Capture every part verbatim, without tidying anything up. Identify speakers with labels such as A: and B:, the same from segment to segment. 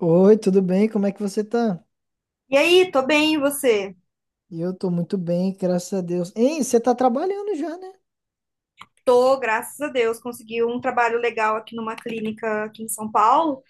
A: Oi, tudo bem? Como é que você tá?
B: E aí, tô bem, e você?
A: Eu tô muito bem, graças a Deus. Ei, você tá trabalhando já, né?
B: Tô, graças a Deus, consegui um trabalho legal aqui numa clínica aqui em São Paulo.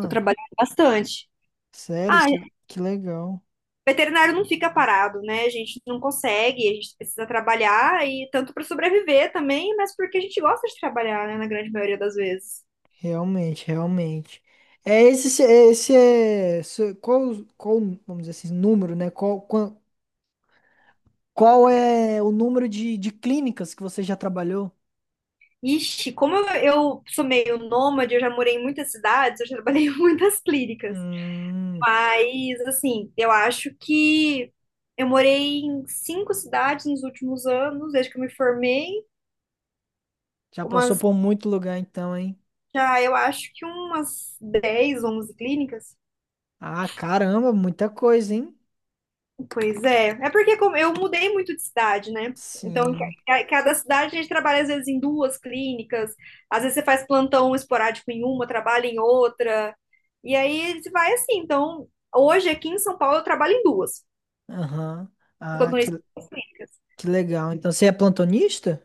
B: Tô trabalhando bastante.
A: sério,
B: Ah,
A: que, que legal.
B: veterinário não fica parado, né? A gente não consegue, a gente precisa trabalhar e tanto para sobreviver também, mas porque a gente gosta de trabalhar, né, na grande maioria das vezes.
A: Realmente, realmente. É esse, se- é esse é. Se- Qual, qual, vamos dizer assim, número, né? Qual, qual, qual é o número de, de clínicas que você já trabalhou?
B: Ixi, como eu, eu sou meio nômade, eu já morei em muitas cidades, eu já trabalhei em muitas clínicas.
A: Hum,
B: Mas, assim, eu acho que eu morei em cinco cidades nos últimos anos, desde que eu me formei.
A: Já passou
B: Umas,
A: por muito lugar então, hein?
B: já, eu acho que umas dez, onze clínicas.
A: Ah, caramba, muita coisa, hein?
B: Pois é. É porque como eu mudei muito de cidade, né? Então, ca-
A: Sim.
B: ca- cada cidade a gente trabalha às vezes em duas clínicas, às vezes você faz plantão esporádico em uma, trabalha em outra. E aí você vai assim. Então, hoje aqui em São Paulo eu trabalho em duas.
A: Aham.
B: Sou
A: Ah, que,
B: plantonista.
A: que legal. Então você é plantonista?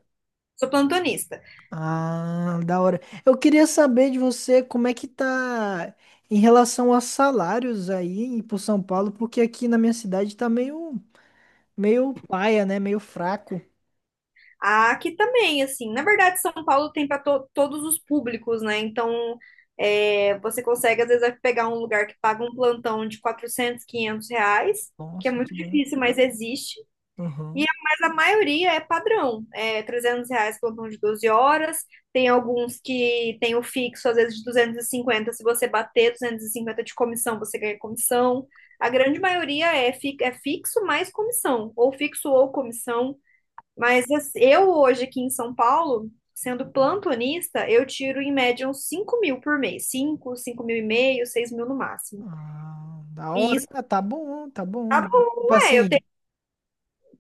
B: Sou plantonista.
A: Ah, da hora. Eu queria saber de você como é que tá em relação a salários aí em- pro São Paulo, porque aqui na minha cidade tá meio, meio paia, né? Meio fraco.
B: Ah, aqui também, assim, na verdade, São Paulo tem para todos os públicos, né? Então, é, você consegue, às vezes, pegar um lugar que paga um plantão de quatrocentos quinhentos reais, que é
A: Nossa,
B: muito
A: que bom.
B: difícil, mas existe. E, a-
A: Aham.
B: mas a maioria é padrão, é trezentos reais plantão de doze horas, tem alguns que tem o fixo, às vezes, de duzentos e cinquenta se você bater duzentos e cinquenta de comissão, você ganha comissão. A grande maioria é, fi- é fixo mais comissão, ou fixo ou comissão. Mas assim, eu hoje aqui em São Paulo, sendo plantonista, eu tiro em média uns cinco mil por mês. Cinco, cinco mil e meio, seis mil no máximo.
A: Ah, da
B: E
A: hora.
B: isso
A: Ah, tá bom, tá bom,
B: tá
A: né? Tipo
B: bom, é. Eu
A: assim,
B: te-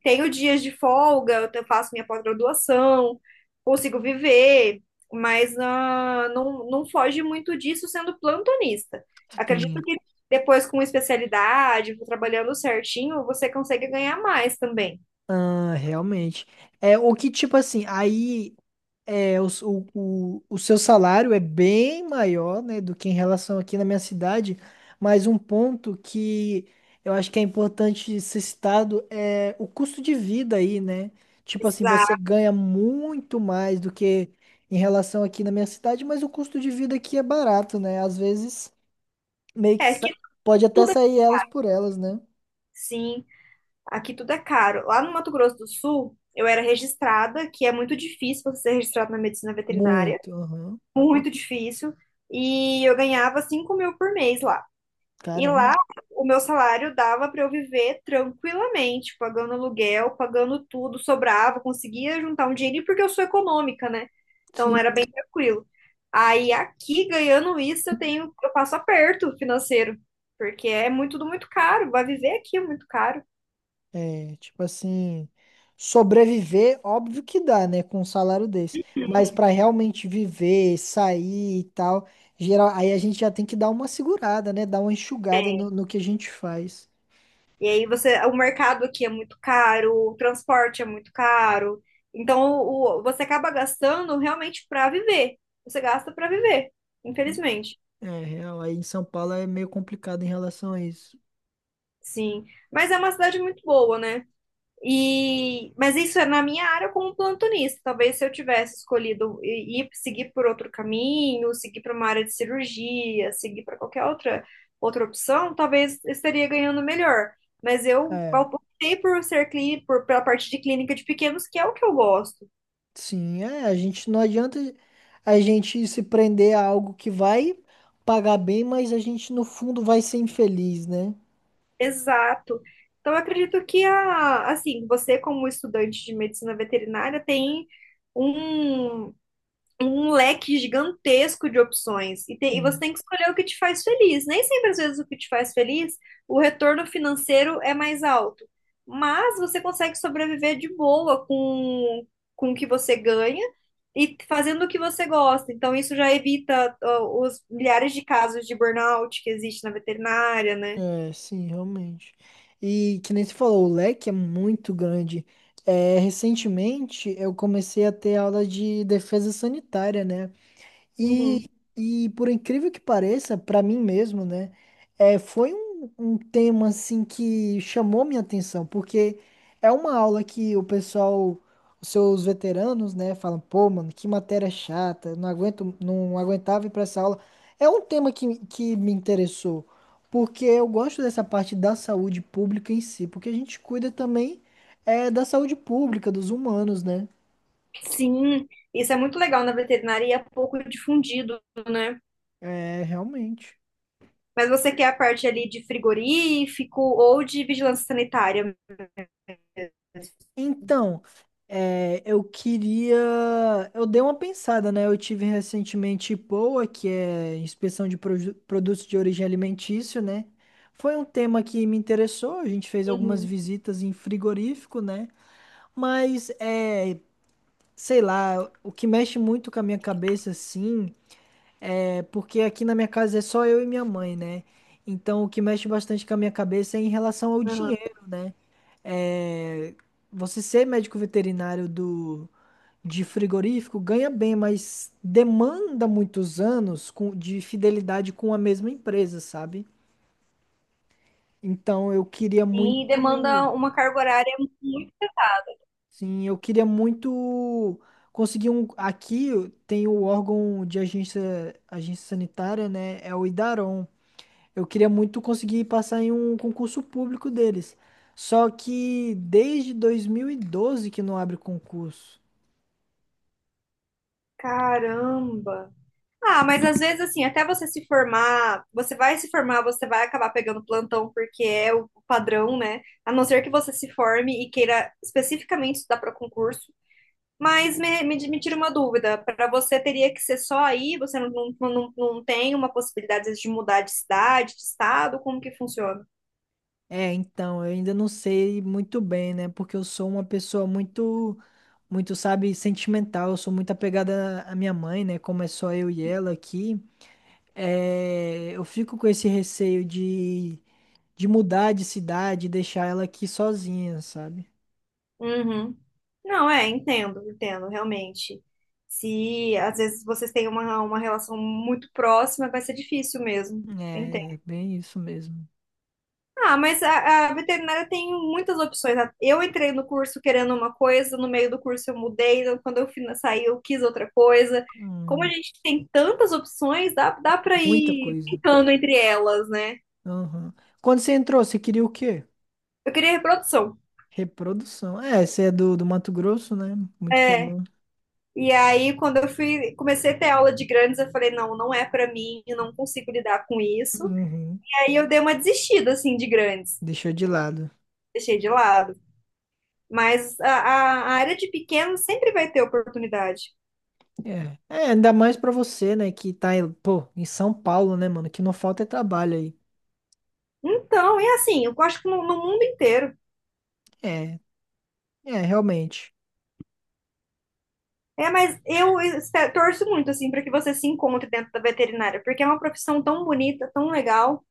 B: Tenho dias de folga, eu te- faço minha pós-graduação, consigo viver, mas ah, não, não foge muito disso sendo plantonista. Acredito
A: sim,
B: que depois com especialidade, trabalhando certinho, você consegue ganhar mais também.
A: ah, realmente. É, o que tipo assim, aí. É, o, o, o, o seu salário é bem maior, né, do que em relação aqui na minha cidade, mas um ponto que eu acho que é importante ser citado é o custo de vida aí, né? Tipo assim, você
B: Exato.
A: ganha muito mais do que em relação aqui na minha cidade, mas o custo de vida aqui é barato, né? Às vezes meio que
B: É que
A: sa- pode até
B: tudo é
A: sair elas por elas, né?
B: assim. Aqui tudo é caro. Lá no Mato Grosso do Sul, eu era registrada, que é muito difícil você ser registrado na medicina veterinária,
A: Muito, aham.
B: muito difícil, e eu ganhava cinco mil por mês lá. E
A: Caramba.
B: lá, o meu salário dava para eu viver tranquilamente, pagando aluguel, pagando tudo, sobrava, conseguia juntar um dinheirinho, porque eu sou econômica, né? Então
A: Sim.
B: era bem tranquilo. Aí aqui, ganhando isso, eu tenho, eu passo aperto financeiro, porque é muito, tudo muito caro, vai viver aqui é muito caro.
A: É, tipo assim, sobreviver, óbvio que dá, né, com um salário desse. Mas pra realmente viver, sair e tal, geral, aí a gente já tem que dar uma segurada, né, dar uma enxugada no, no que a gente faz.
B: E aí você, o mercado aqui é muito caro, o transporte é muito caro. Então o, o- você acaba gastando realmente para viver. Você gasta para viver, infelizmente.
A: É, real, aí em São Paulo é meio complicado em relação a isso.
B: Sim, mas é uma cidade muito boa, né? E, mas isso é na minha área como plantonista. Talvez se eu tivesse escolhido i- ir seguir por outro caminho, seguir para uma área de cirurgia, seguir para qualquer outra outra opção, talvez estaria ganhando melhor. Mas eu
A: É,
B: optei por ser clínico, por, pela parte de clínica de pequenos, que é o que eu gosto.
A: sim, é, a gente não adianta a gente se prender a algo que vai pagar bem, mas a gente no fundo vai ser infeliz, né?
B: Exato. Então eu acredito que a, assim, você como estudante de medicina veterinária tem um um leque gigantesco de opções e, tem- e você tem que escolher o que te faz feliz. Nem sempre, às vezes, o que te faz feliz, o retorno financeiro é mais alto, mas você consegue sobreviver de boa com, com o que você ganha e fazendo o que você gosta. Então, isso já evita, ó, os milhares de casos de burnout que existe na veterinária, né?
A: É, sim, realmente. E que nem você falou, o leque é muito grande. É, recentemente eu comecei a ter aula de defesa sanitária, né? E,
B: Uhum.
A: e por incrível que pareça, pra mim mesmo, né, é, foi um, um tema assim que chamou minha atenção, porque é uma aula que o pessoal, os seus veteranos, né, falam, pô, mano, que matéria chata, não aguento, não aguentava ir pra essa aula. É um tema que, que me interessou, porque eu gosto dessa parte da saúde pública em si, porque a gente cuida também, é, da saúde pública, dos humanos, né?
B: Sim, isso é muito legal na veterinária e é pouco difundido, né?
A: É, realmente.
B: Mas você quer a parte ali de frigorífico ou de vigilância sanitária.
A: Então, é, eu queria. Eu dei uma pensada, né? Eu tive recentemente IPOA, que é Inspeção de Produ- Produtos de Origem Alimentício, né? Foi um tema que me interessou. A gente fez algumas
B: Uhum.
A: visitas em frigorífico, né? Mas, é, sei lá, o que mexe muito com a minha cabeça, assim, é porque aqui na minha casa é só eu e minha mãe, né? Então, o que mexe bastante com a minha cabeça é em relação ao
B: Aham.
A: dinheiro, né? é, Você ser médico veterinário do, de frigorífico ganha bem, mas demanda muitos anos com- de fidelidade com a mesma empresa, sabe? Então eu queria
B: E
A: muito,
B: demanda uma carga horária muito.
A: sim, eu queria muito conseguir um. Aqui tem o órgão de agência, agência sanitária, né? É o Idaron. Eu queria muito conseguir passar em um concurso público deles. Só que desde dois mil e doze que não abre concurso.
B: Caramba. Ah, mas às vezes, assim, até você se formar, você vai se formar, você vai acabar pegando plantão, porque é o padrão, né? A não ser que você se forme e queira especificamente estudar para concurso. Mas me, me, me tira uma dúvida: para você teria que ser só aí? Você não, não, não, não tem uma possibilidade às vezes, de mudar de cidade, de estado? Como que funciona?
A: É, então, eu ainda não sei muito bem, né? Porque eu sou uma pessoa muito, muito, sabe, sentimental. Eu sou muito apegada à minha mãe, né? Como é só eu e ela aqui. É, eu fico com esse receio de, de mudar de cidade e deixar ela aqui sozinha, sabe?
B: Uhum. Não, é, entendo, entendo, realmente. Se às vezes vocês têm uma, uma relação muito próxima, vai ser difícil mesmo. Entendo.
A: É, é bem isso mesmo.
B: Ah, mas a, a veterinária tem muitas opções, né? Eu entrei no curso querendo uma coisa, no meio do curso eu mudei, então, quando eu fui sair eu quis outra coisa. Como a
A: Hum,
B: gente tem tantas opções, dá, dá para
A: Muita
B: ir
A: coisa.
B: brincando entre elas, né?
A: Aham. Quando você entrou, você queria o quê?
B: Eu queria reprodução.
A: Reprodução. É, você é do, do Mato Grosso, né? Muito comum.
B: E aí, quando eu fui, comecei a ter aula de grandes, eu falei, não, não é pra mim, eu não consigo lidar com isso.
A: Uhum.
B: Aí eu dei uma desistida, assim, de grandes.
A: Deixou de lado.
B: Deixei de lado. Mas a, a- a área de pequeno sempre vai ter oportunidade.
A: É, é, ainda mais pra você, né, que tá, em- pô, em São Paulo, né, mano, que não falta é trabalho aí.
B: Então, é assim, eu acho que no, no mundo inteiro.
A: É, é, realmente,
B: É, mas eu espe- torço muito, assim, para que você se encontre dentro da veterinária, porque é uma profissão tão bonita, tão legal.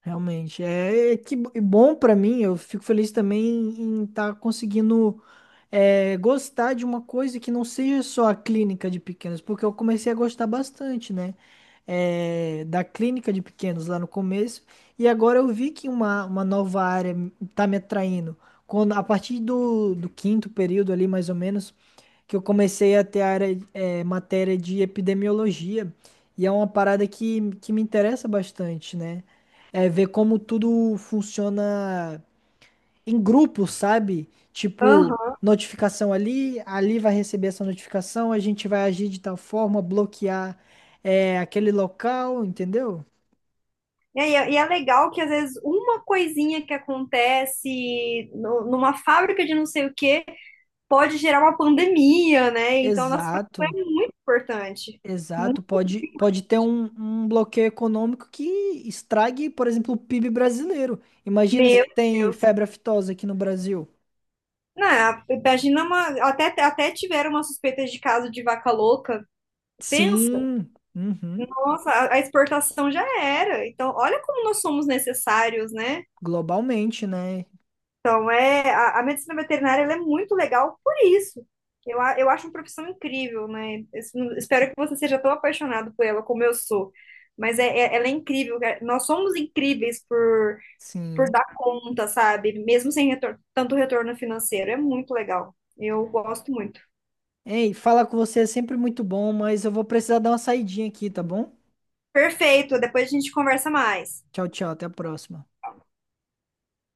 A: realmente. É, é que bo- e bom pra mim, eu fico feliz também em estar conseguindo, é, gostar de uma coisa que não seja só a clínica de pequenos, porque eu comecei a gostar bastante, né, é, da clínica de pequenos lá no começo, e agora eu vi que uma, uma nova área tá me atraindo. Quando, a partir do, do quinto período ali, mais ou menos, que eu comecei a ter área, é, matéria de epidemiologia, e é uma parada que, que me interessa bastante, né? É ver como tudo funciona em grupo, sabe? Tipo,
B: Aham.
A: notificação ali, ali vai receber essa notificação, a gente vai agir de tal forma, bloquear, é, aquele local, entendeu?
B: E, é, e é legal que, às vezes, uma coisinha que acontece no- numa fábrica de não sei o quê pode gerar uma pandemia, né? Então, a nossa
A: Exato.
B: profissão é muito importante. Muito,
A: Exato, pode, pode ter um, um bloqueio econômico que estrague, por exemplo, o PIB brasileiro. Imagina
B: meu
A: se tem
B: Deus.
A: febre aftosa aqui no Brasil.
B: Não, a- imagina uma. Até, até tiveram uma suspeita de caso de vaca louca. Pensa,
A: Sim, uhum,
B: nossa, a, a exportação já era. Então, olha como nós somos necessários, né?
A: globalmente, né?
B: Então, é, a, a medicina veterinária ela é muito legal por isso. Eu, a- eu acho uma profissão incrível, né? Eu espero que você seja tão apaixonado por ela como eu sou. Mas é, é- ela é incrível, cara. Nós somos incríveis por, por
A: Sim.
B: dar conta, sabe? Mesmo sem retor- tanto retorno financeiro. É muito legal. Eu gosto muito.
A: Ei, falar com você é sempre muito bom, mas eu vou precisar dar uma saidinha aqui, tá bom?
B: Perfeito, depois a gente conversa mais.
A: Tchau, tchau, até a próxima.